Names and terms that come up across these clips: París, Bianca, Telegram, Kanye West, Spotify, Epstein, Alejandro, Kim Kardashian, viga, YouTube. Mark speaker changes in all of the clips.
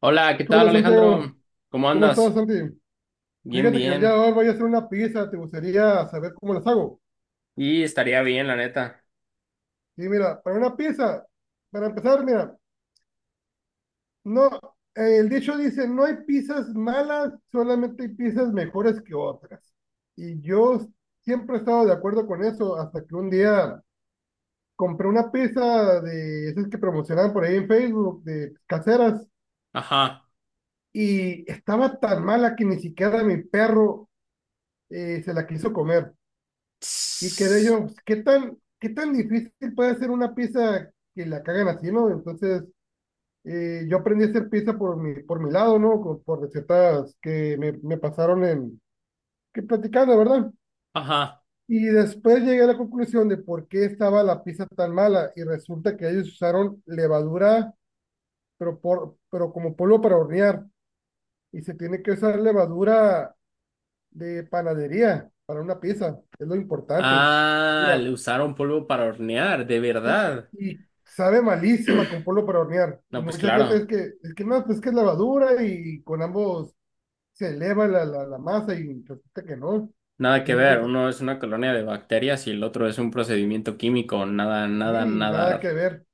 Speaker 1: Hola, ¿qué tal
Speaker 2: Hola Santiago,
Speaker 1: Alejandro? ¿Cómo
Speaker 2: ¿cómo estás
Speaker 1: andas?
Speaker 2: Santi?
Speaker 1: Bien,
Speaker 2: Fíjate que el día de
Speaker 1: bien.
Speaker 2: hoy voy a hacer una pizza, ¿te gustaría saber cómo las hago?
Speaker 1: Y estaría bien, la neta.
Speaker 2: Y mira, para una pizza, para empezar, mira, no, el dicho dice, no hay pizzas malas, solamente hay pizzas mejores que otras. Y yo siempre he estado de acuerdo con eso, hasta que un día compré una pizza de esas que promocionaban por ahí en Facebook, de caseras,
Speaker 1: Ajá.
Speaker 2: y estaba tan mala que ni siquiera mi perro se la quiso comer. Y quedé
Speaker 1: Tss,
Speaker 2: yo, pues, ¿qué tan difícil puede ser una pizza que la cagan así, no? Entonces, yo aprendí a hacer pizza por mi lado, ¿no? Por recetas que me pasaron que platicando, ¿verdad?
Speaker 1: ajá.
Speaker 2: Y después llegué a la conclusión de por qué estaba la pizza tan mala y resulta que ellos usaron levadura, pero como polvo para hornear y se tiene que usar levadura de panadería para una pizza, es lo importante.
Speaker 1: Ah,
Speaker 2: Mira,
Speaker 1: le usaron polvo para hornear, de
Speaker 2: sí,
Speaker 1: verdad.
Speaker 2: y sabe malísima con polvo para hornear. Y
Speaker 1: No, pues
Speaker 2: mucha gente es
Speaker 1: claro,
Speaker 2: que, es que no, pues es que es levadura y con ambos se eleva la masa y resulta que no, que
Speaker 1: nada que
Speaker 2: tiene
Speaker 1: ver.
Speaker 2: cosa.
Speaker 1: Uno es una colonia de bacterias y el otro es un procedimiento químico. Nada, nada,
Speaker 2: Sí, nada que
Speaker 1: nada.
Speaker 2: ver.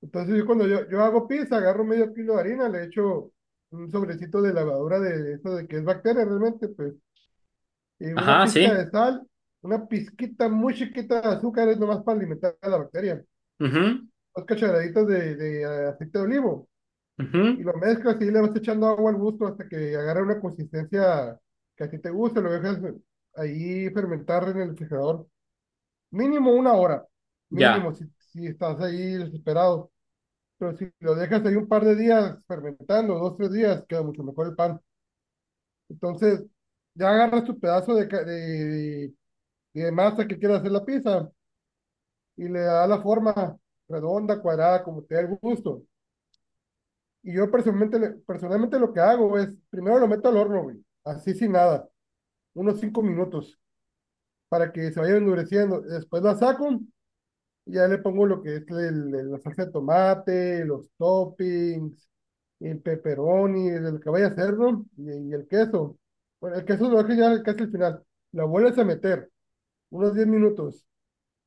Speaker 2: Entonces yo, cuando yo hago pizza, agarro medio kilo de harina, le echo un sobrecito de levadura de eso de que es bacteria realmente, pues, y una
Speaker 1: Ajá,
Speaker 2: pizca
Speaker 1: sí.
Speaker 2: de sal, una pizquita muy chiquita de azúcar es nomás para alimentar a la bacteria,
Speaker 1: Mhm.
Speaker 2: 2 cucharaditas de aceite de olivo. Y
Speaker 1: Mhm.
Speaker 2: lo mezclas y le vas echando agua al gusto hasta que agarre una consistencia que a ti te guste, lo dejas ahí fermentar en el refrigerador. Mínimo una hora, mínimo
Speaker 1: Ya.
Speaker 2: si estás ahí desesperado. Pero si lo dejas ahí un par de días fermentando, 2, 3 días, queda mucho mejor el pan. Entonces, ya agarras tu pedazo de, ca- de, de masa que quieras hacer la pizza y le das la forma redonda, cuadrada, como te dé el gusto. Y yo personalmente lo que hago es, primero lo meto al horno, güey, así sin nada, unos 5 minutos, para que se vaya endureciendo. Después la saco y ya le pongo lo que es la salsa de tomate, los toppings, el pepperoni, el que vaya a hacer, ¿no? Y el queso. Bueno, el queso lo dejo ya casi al final. Lo vuelves a meter, unos 10 minutos.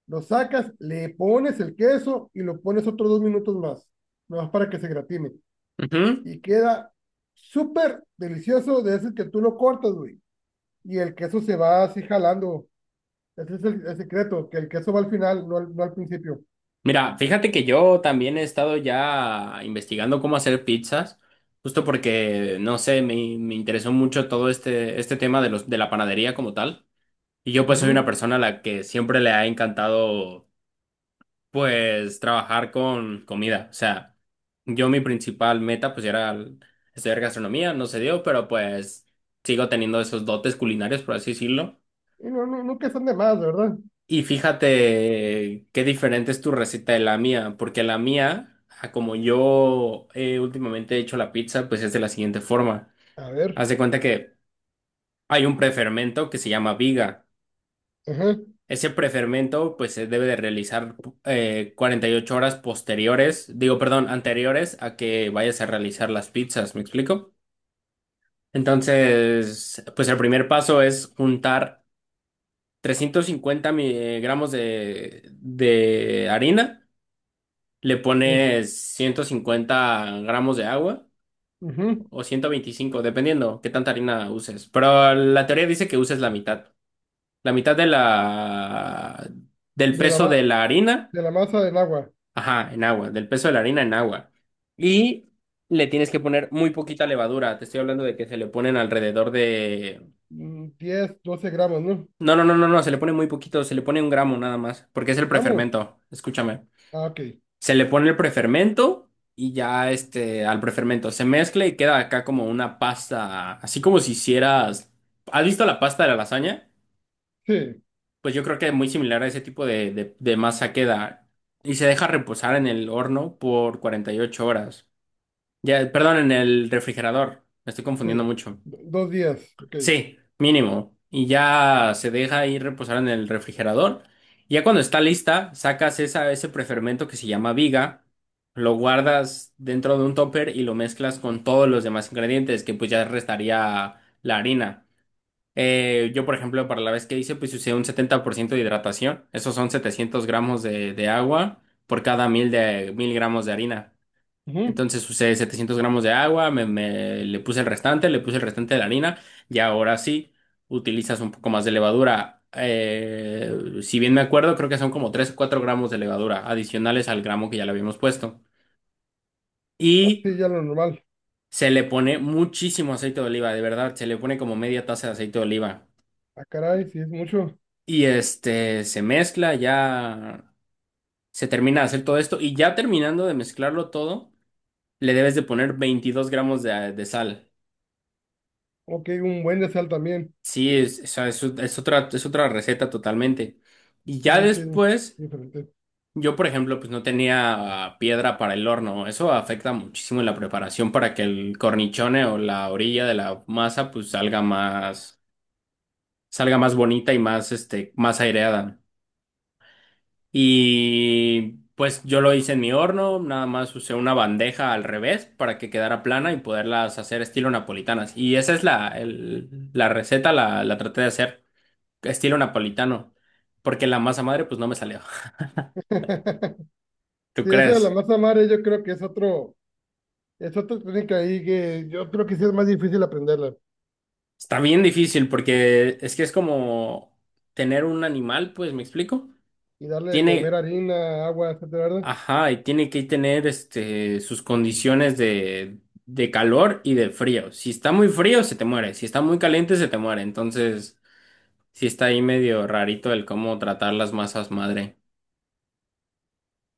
Speaker 2: Lo sacas, le pones el queso y lo pones otros 2 minutos más para que se gratine.
Speaker 1: Mhm.
Speaker 2: Y queda súper delicioso de ese que tú lo cortas, güey. Y el queso se va así jalando. Ese es el secreto, que el queso va al final, no al principio.
Speaker 1: Mira, fíjate que yo también he estado ya investigando cómo hacer pizzas, justo porque, no sé, me interesó mucho todo este, tema de la panadería como tal. Y yo pues soy una
Speaker 2: Ujú.
Speaker 1: persona a la que siempre le ha encantado pues trabajar con comida. O sea, yo mi principal meta pues era estudiar gastronomía, no se dio, pero pues sigo teniendo esos dotes culinarios, por así decirlo.
Speaker 2: Y no, no, nunca están de más, ¿verdad?
Speaker 1: Y fíjate qué diferente es tu receta de la mía, porque la mía, a como yo últimamente he hecho la pizza, pues es de la siguiente forma.
Speaker 2: A ver.
Speaker 1: Haz de cuenta que hay un prefermento que se llama viga.
Speaker 2: Ajá.
Speaker 1: Ese prefermento pues se debe de realizar 48 horas posteriores, digo, perdón, anteriores a que vayas a realizar las pizzas, ¿me explico? Entonces, pues el primer paso es juntar 350 gramos de harina. Le
Speaker 2: Tres.
Speaker 1: pones 150 gramos de agua
Speaker 2: Ujú.
Speaker 1: o 125, dependiendo qué tanta harina uses. Pero la teoría dice que uses la mitad. La mitad de la del
Speaker 2: De la,
Speaker 1: peso
Speaker 2: ma-
Speaker 1: de la harina,
Speaker 2: de la masa del agua.
Speaker 1: ajá, en agua, del peso de la harina en agua. Y le tienes que poner muy poquita levadura. Te estoy hablando de que se le ponen alrededor de.
Speaker 2: 10, 12 gramos, ¿no?
Speaker 1: No, no, no, no, no, se le pone muy poquito, se le pone 1 gramo nada más, porque es el
Speaker 2: ¿Gramo?
Speaker 1: prefermento. Escúchame.
Speaker 2: Ah, ok.
Speaker 1: Se le pone el prefermento y ya este, al prefermento se mezcla y queda acá como una pasta, así como si hicieras. ¿Has visto la pasta de la lasaña?
Speaker 2: Sí,
Speaker 1: Pues yo creo que es muy similar a ese tipo de masa queda y se deja reposar en el horno por 48 horas. Ya, perdón, en el refrigerador. Me estoy
Speaker 2: sí.
Speaker 1: confundiendo mucho.
Speaker 2: 2 días, ok.
Speaker 1: Sí, mínimo. Y ya se deja ahí reposar en el refrigerador. Y ya cuando está lista, sacas ese prefermento que se llama viga, lo guardas dentro de un topper y lo mezclas con todos los demás ingredientes, que pues ya restaría la harina. Yo, por ejemplo, para la vez que hice, pues usé un 70% de hidratación. Esos son 700 gramos de agua por cada mil gramos de harina.
Speaker 2: Ujú.
Speaker 1: Entonces usé 700 gramos de agua, le puse el restante de la harina y ahora sí utilizas un poco más de levadura. Si bien me acuerdo, creo que son como 3, o 4 gramos de levadura adicionales al gramo que ya le habíamos puesto.
Speaker 2: Ah,
Speaker 1: Y
Speaker 2: sí, ya lo normal.
Speaker 1: se le pone muchísimo aceite de oliva, de verdad, se le pone como media taza de aceite de oliva.
Speaker 2: Ah, caray, sí es mucho.
Speaker 1: Y este se mezcla, ya se termina de hacer todo esto y ya terminando de mezclarlo todo, le debes de poner 22 gramos de sal.
Speaker 2: Ok, un buen de sal también.
Speaker 1: Sí, o sea, es otra, es otra receta totalmente. Y ya
Speaker 2: Sí, sí, es
Speaker 1: después,
Speaker 2: diferente.
Speaker 1: yo por ejemplo, pues no tenía piedra para el horno. Eso afecta muchísimo la preparación para que el cornichone o la orilla de la masa pues salga más bonita y más, este, más aireada. Y pues yo lo hice en mi horno, nada más usé una bandeja al revés para que quedara plana y poderlas hacer estilo napolitanas. Y esa es la receta, la traté de hacer. Estilo napolitano, porque la masa madre pues no me salió. ¿Tú
Speaker 2: Sí, eso de la
Speaker 1: crees?
Speaker 2: masa madre yo creo que es otro, es otra técnica ahí que yo creo que sí es más difícil aprenderla
Speaker 1: Está bien difícil porque es que es como tener un animal, pues, ¿me explico?
Speaker 2: y darle de comer
Speaker 1: Tiene,
Speaker 2: harina, agua, etcétera, ¿verdad?
Speaker 1: ajá, y tiene que tener este sus condiciones de calor y de frío. Si está muy frío, se te muere. Si está muy caliente, se te muere. Entonces, sí está ahí medio rarito el cómo tratar las masas madre.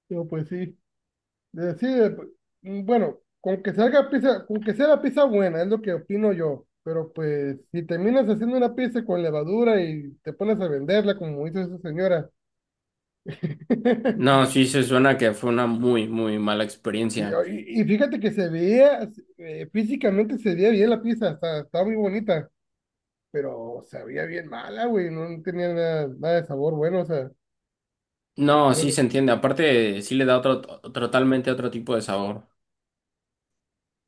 Speaker 2: Digo, pues sí, sí, bueno, con que salga pizza, con que sea la pizza buena, es lo que opino yo, pero pues si terminas haciendo una pizza con levadura y te pones a venderla, como hizo esa señora.
Speaker 1: No, sí se suena que fue una muy, muy mala
Speaker 2: y,
Speaker 1: experiencia.
Speaker 2: y- y fíjate que se veía, físicamente se veía bien la pizza, está muy bonita, pero sabía bien mala, güey, no tenía nada, nada de sabor bueno, o sea,
Speaker 1: No, sí
Speaker 2: pero,
Speaker 1: se entiende. Aparte, sí le da otro, totalmente otro tipo de sabor.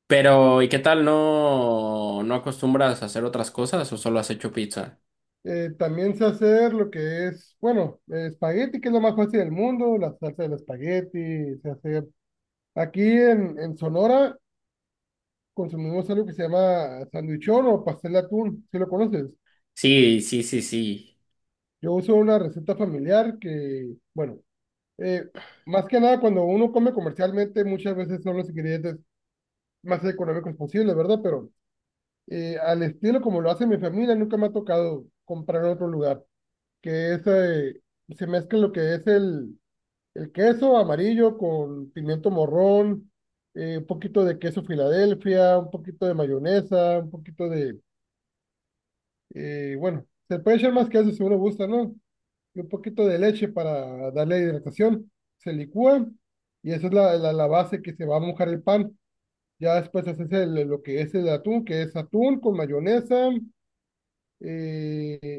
Speaker 1: Pero, ¿y qué tal? ¿No acostumbras a hacer otras cosas o solo has hecho pizza?
Speaker 2: también sé hacer lo que es, bueno, espagueti, que es lo más fácil del mundo, la salsa del espagueti, sé hacer. Aquí en Sonora consumimos algo que se llama sandwichón o pastel de atún, si lo conoces.
Speaker 1: Sí, sí, sí, sí.
Speaker 2: Yo uso una receta familiar que, bueno, eh, más que nada cuando uno come comercialmente, muchas veces son los ingredientes más económicos posibles, ¿verdad? Pero al estilo como lo hace mi familia, nunca me ha tocado comprar en otro lugar, que es, se mezcla lo que es el queso amarillo con pimiento morrón, un poquito de queso Filadelfia, un poquito de mayonesa, un poquito de, bueno, se puede echar más queso si uno gusta, ¿no? Y un poquito de leche para darle hidratación, se licúa y esa es la base que se va a mojar el pan. Ya después haces lo que es el atún, que es atún con mayonesa, eh,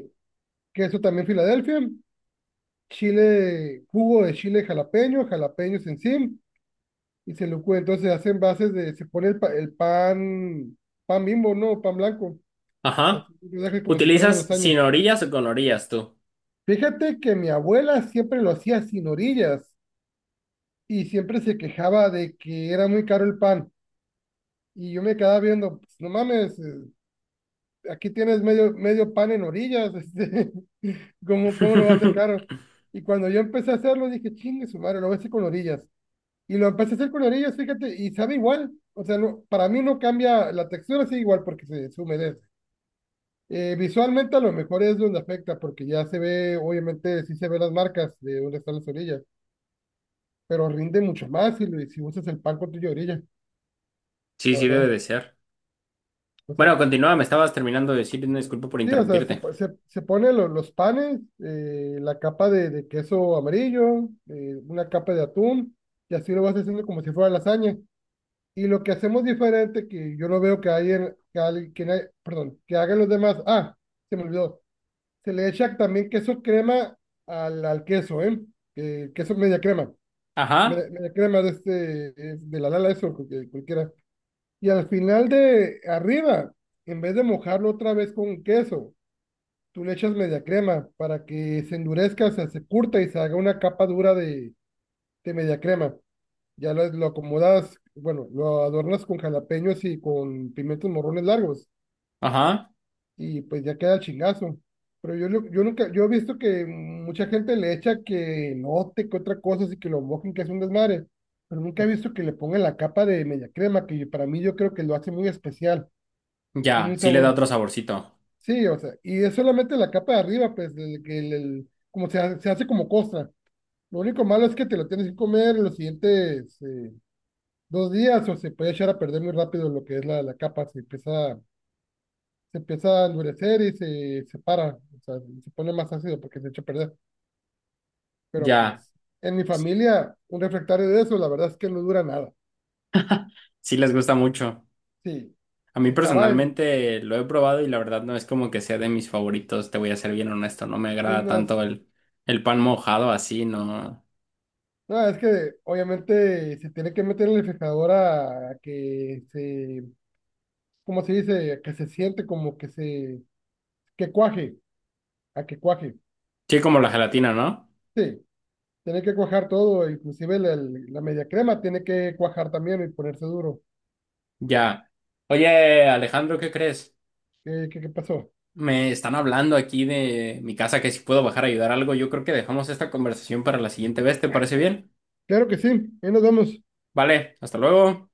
Speaker 2: queso también Filadelfia, chile, jugo de chile jalapeño, jalapeños en sí, y entonces hacen bases de, se pone el pan, pan bimbo, ¿no? Pan blanco, así
Speaker 1: Ajá.
Speaker 2: lo deja como si fuera una
Speaker 1: ¿Utilizas
Speaker 2: lasaña.
Speaker 1: sin orillas o con orillas tú?
Speaker 2: Fíjate que mi abuela siempre lo hacía sin orillas y siempre se quejaba de que era muy caro el pan. Y yo me quedaba viendo, pues, no mames, aquí tienes medio, medio pan en orillas, este, ¿cómo no va a ser caro? Y cuando yo empecé a hacerlo, dije, chingue su madre, lo voy a hacer con orillas. Y lo empecé a hacer con orillas, fíjate, y sabe igual. O sea, para mí no cambia, la textura sigue igual porque se humedece. Visualmente a lo mejor es donde afecta, porque ya se ve, obviamente sí se ven las marcas de dónde están las orillas, pero rinde mucho más si usas el pan con tu orilla,
Speaker 1: Sí,
Speaker 2: la
Speaker 1: sí, debe
Speaker 2: verdad.
Speaker 1: de ser.
Speaker 2: O sea,
Speaker 1: Bueno, continúa, me estabas terminando de decir, una disculpa por
Speaker 2: sí, o sea, se,
Speaker 1: interrumpirte.
Speaker 2: po- se, se pone los panes, la capa de queso amarillo, una capa de atún, y así lo vas haciendo como si fuera lasaña. Y lo que hacemos diferente, que yo no veo que hay en, que alguien, que hay- perdón, que hagan los demás. Ah, se me olvidó. Se le echa también queso crema al queso, ¿eh? Queso media crema. Media,
Speaker 1: Ajá,
Speaker 2: media crema de este, de la lala, eso, cualquiera. Y al final de arriba, en vez de mojarlo otra vez con queso, tú le echas media crema para que se endurezca, o sea, se curta y se haga una capa dura de media crema. Ya lo acomodas, bueno, lo adornas con jalapeños y con pimientos morrones largos
Speaker 1: ajá.
Speaker 2: y pues ya queda el chingazo. Pero yo nunca, yo he visto que mucha gente le echa que note que otra cosa, así que lo mojen, que es un desmadre. Pero nunca he visto que le pongan la capa de media crema, que para mí yo creo que lo hace muy especial. Tiene
Speaker 1: Ya,
Speaker 2: un
Speaker 1: sí le da
Speaker 2: sabor.
Speaker 1: otro saborcito.
Speaker 2: Sí, o sea, y es solamente la capa de arriba, pues, del- que el- como se, ha- se hace como costra. Lo único malo es que te lo tienes que comer en los siguientes, 2 días o se puede echar a perder muy rápido lo que es la capa, se empieza a endurecer y se separa, o sea, se pone más ácido porque se echa a perder. Pero
Speaker 1: Ya,
Speaker 2: pues en mi familia, un refractario de eso, la verdad es que no dura nada.
Speaker 1: sí les gusta mucho.
Speaker 2: Sí,
Speaker 1: A mí
Speaker 2: se acaba
Speaker 1: personalmente lo he probado y la verdad no es como que sea de mis favoritos, te voy a ser bien honesto, no me
Speaker 2: en
Speaker 1: agrada
Speaker 2: unas...
Speaker 1: tanto el pan mojado así, no.
Speaker 2: No, es que obviamente se tiene que meter en el refrigerador a que se, ¿cómo se dice? A que se siente como que que cuaje, a que cuaje.
Speaker 1: Sí, como la gelatina, ¿no?
Speaker 2: Sí, tiene que cuajar todo, inclusive la media crema tiene que cuajar también y ponerse duro.
Speaker 1: Ya. Oye, Alejandro, ¿qué crees?
Speaker 2: ¿Qué pasó?
Speaker 1: Me están hablando aquí de mi casa que si puedo bajar a ayudar algo, yo creo que dejamos esta conversación para la siguiente vez, ¿te parece bien?
Speaker 2: Claro que sí, ahí nos vemos.
Speaker 1: Vale, hasta luego.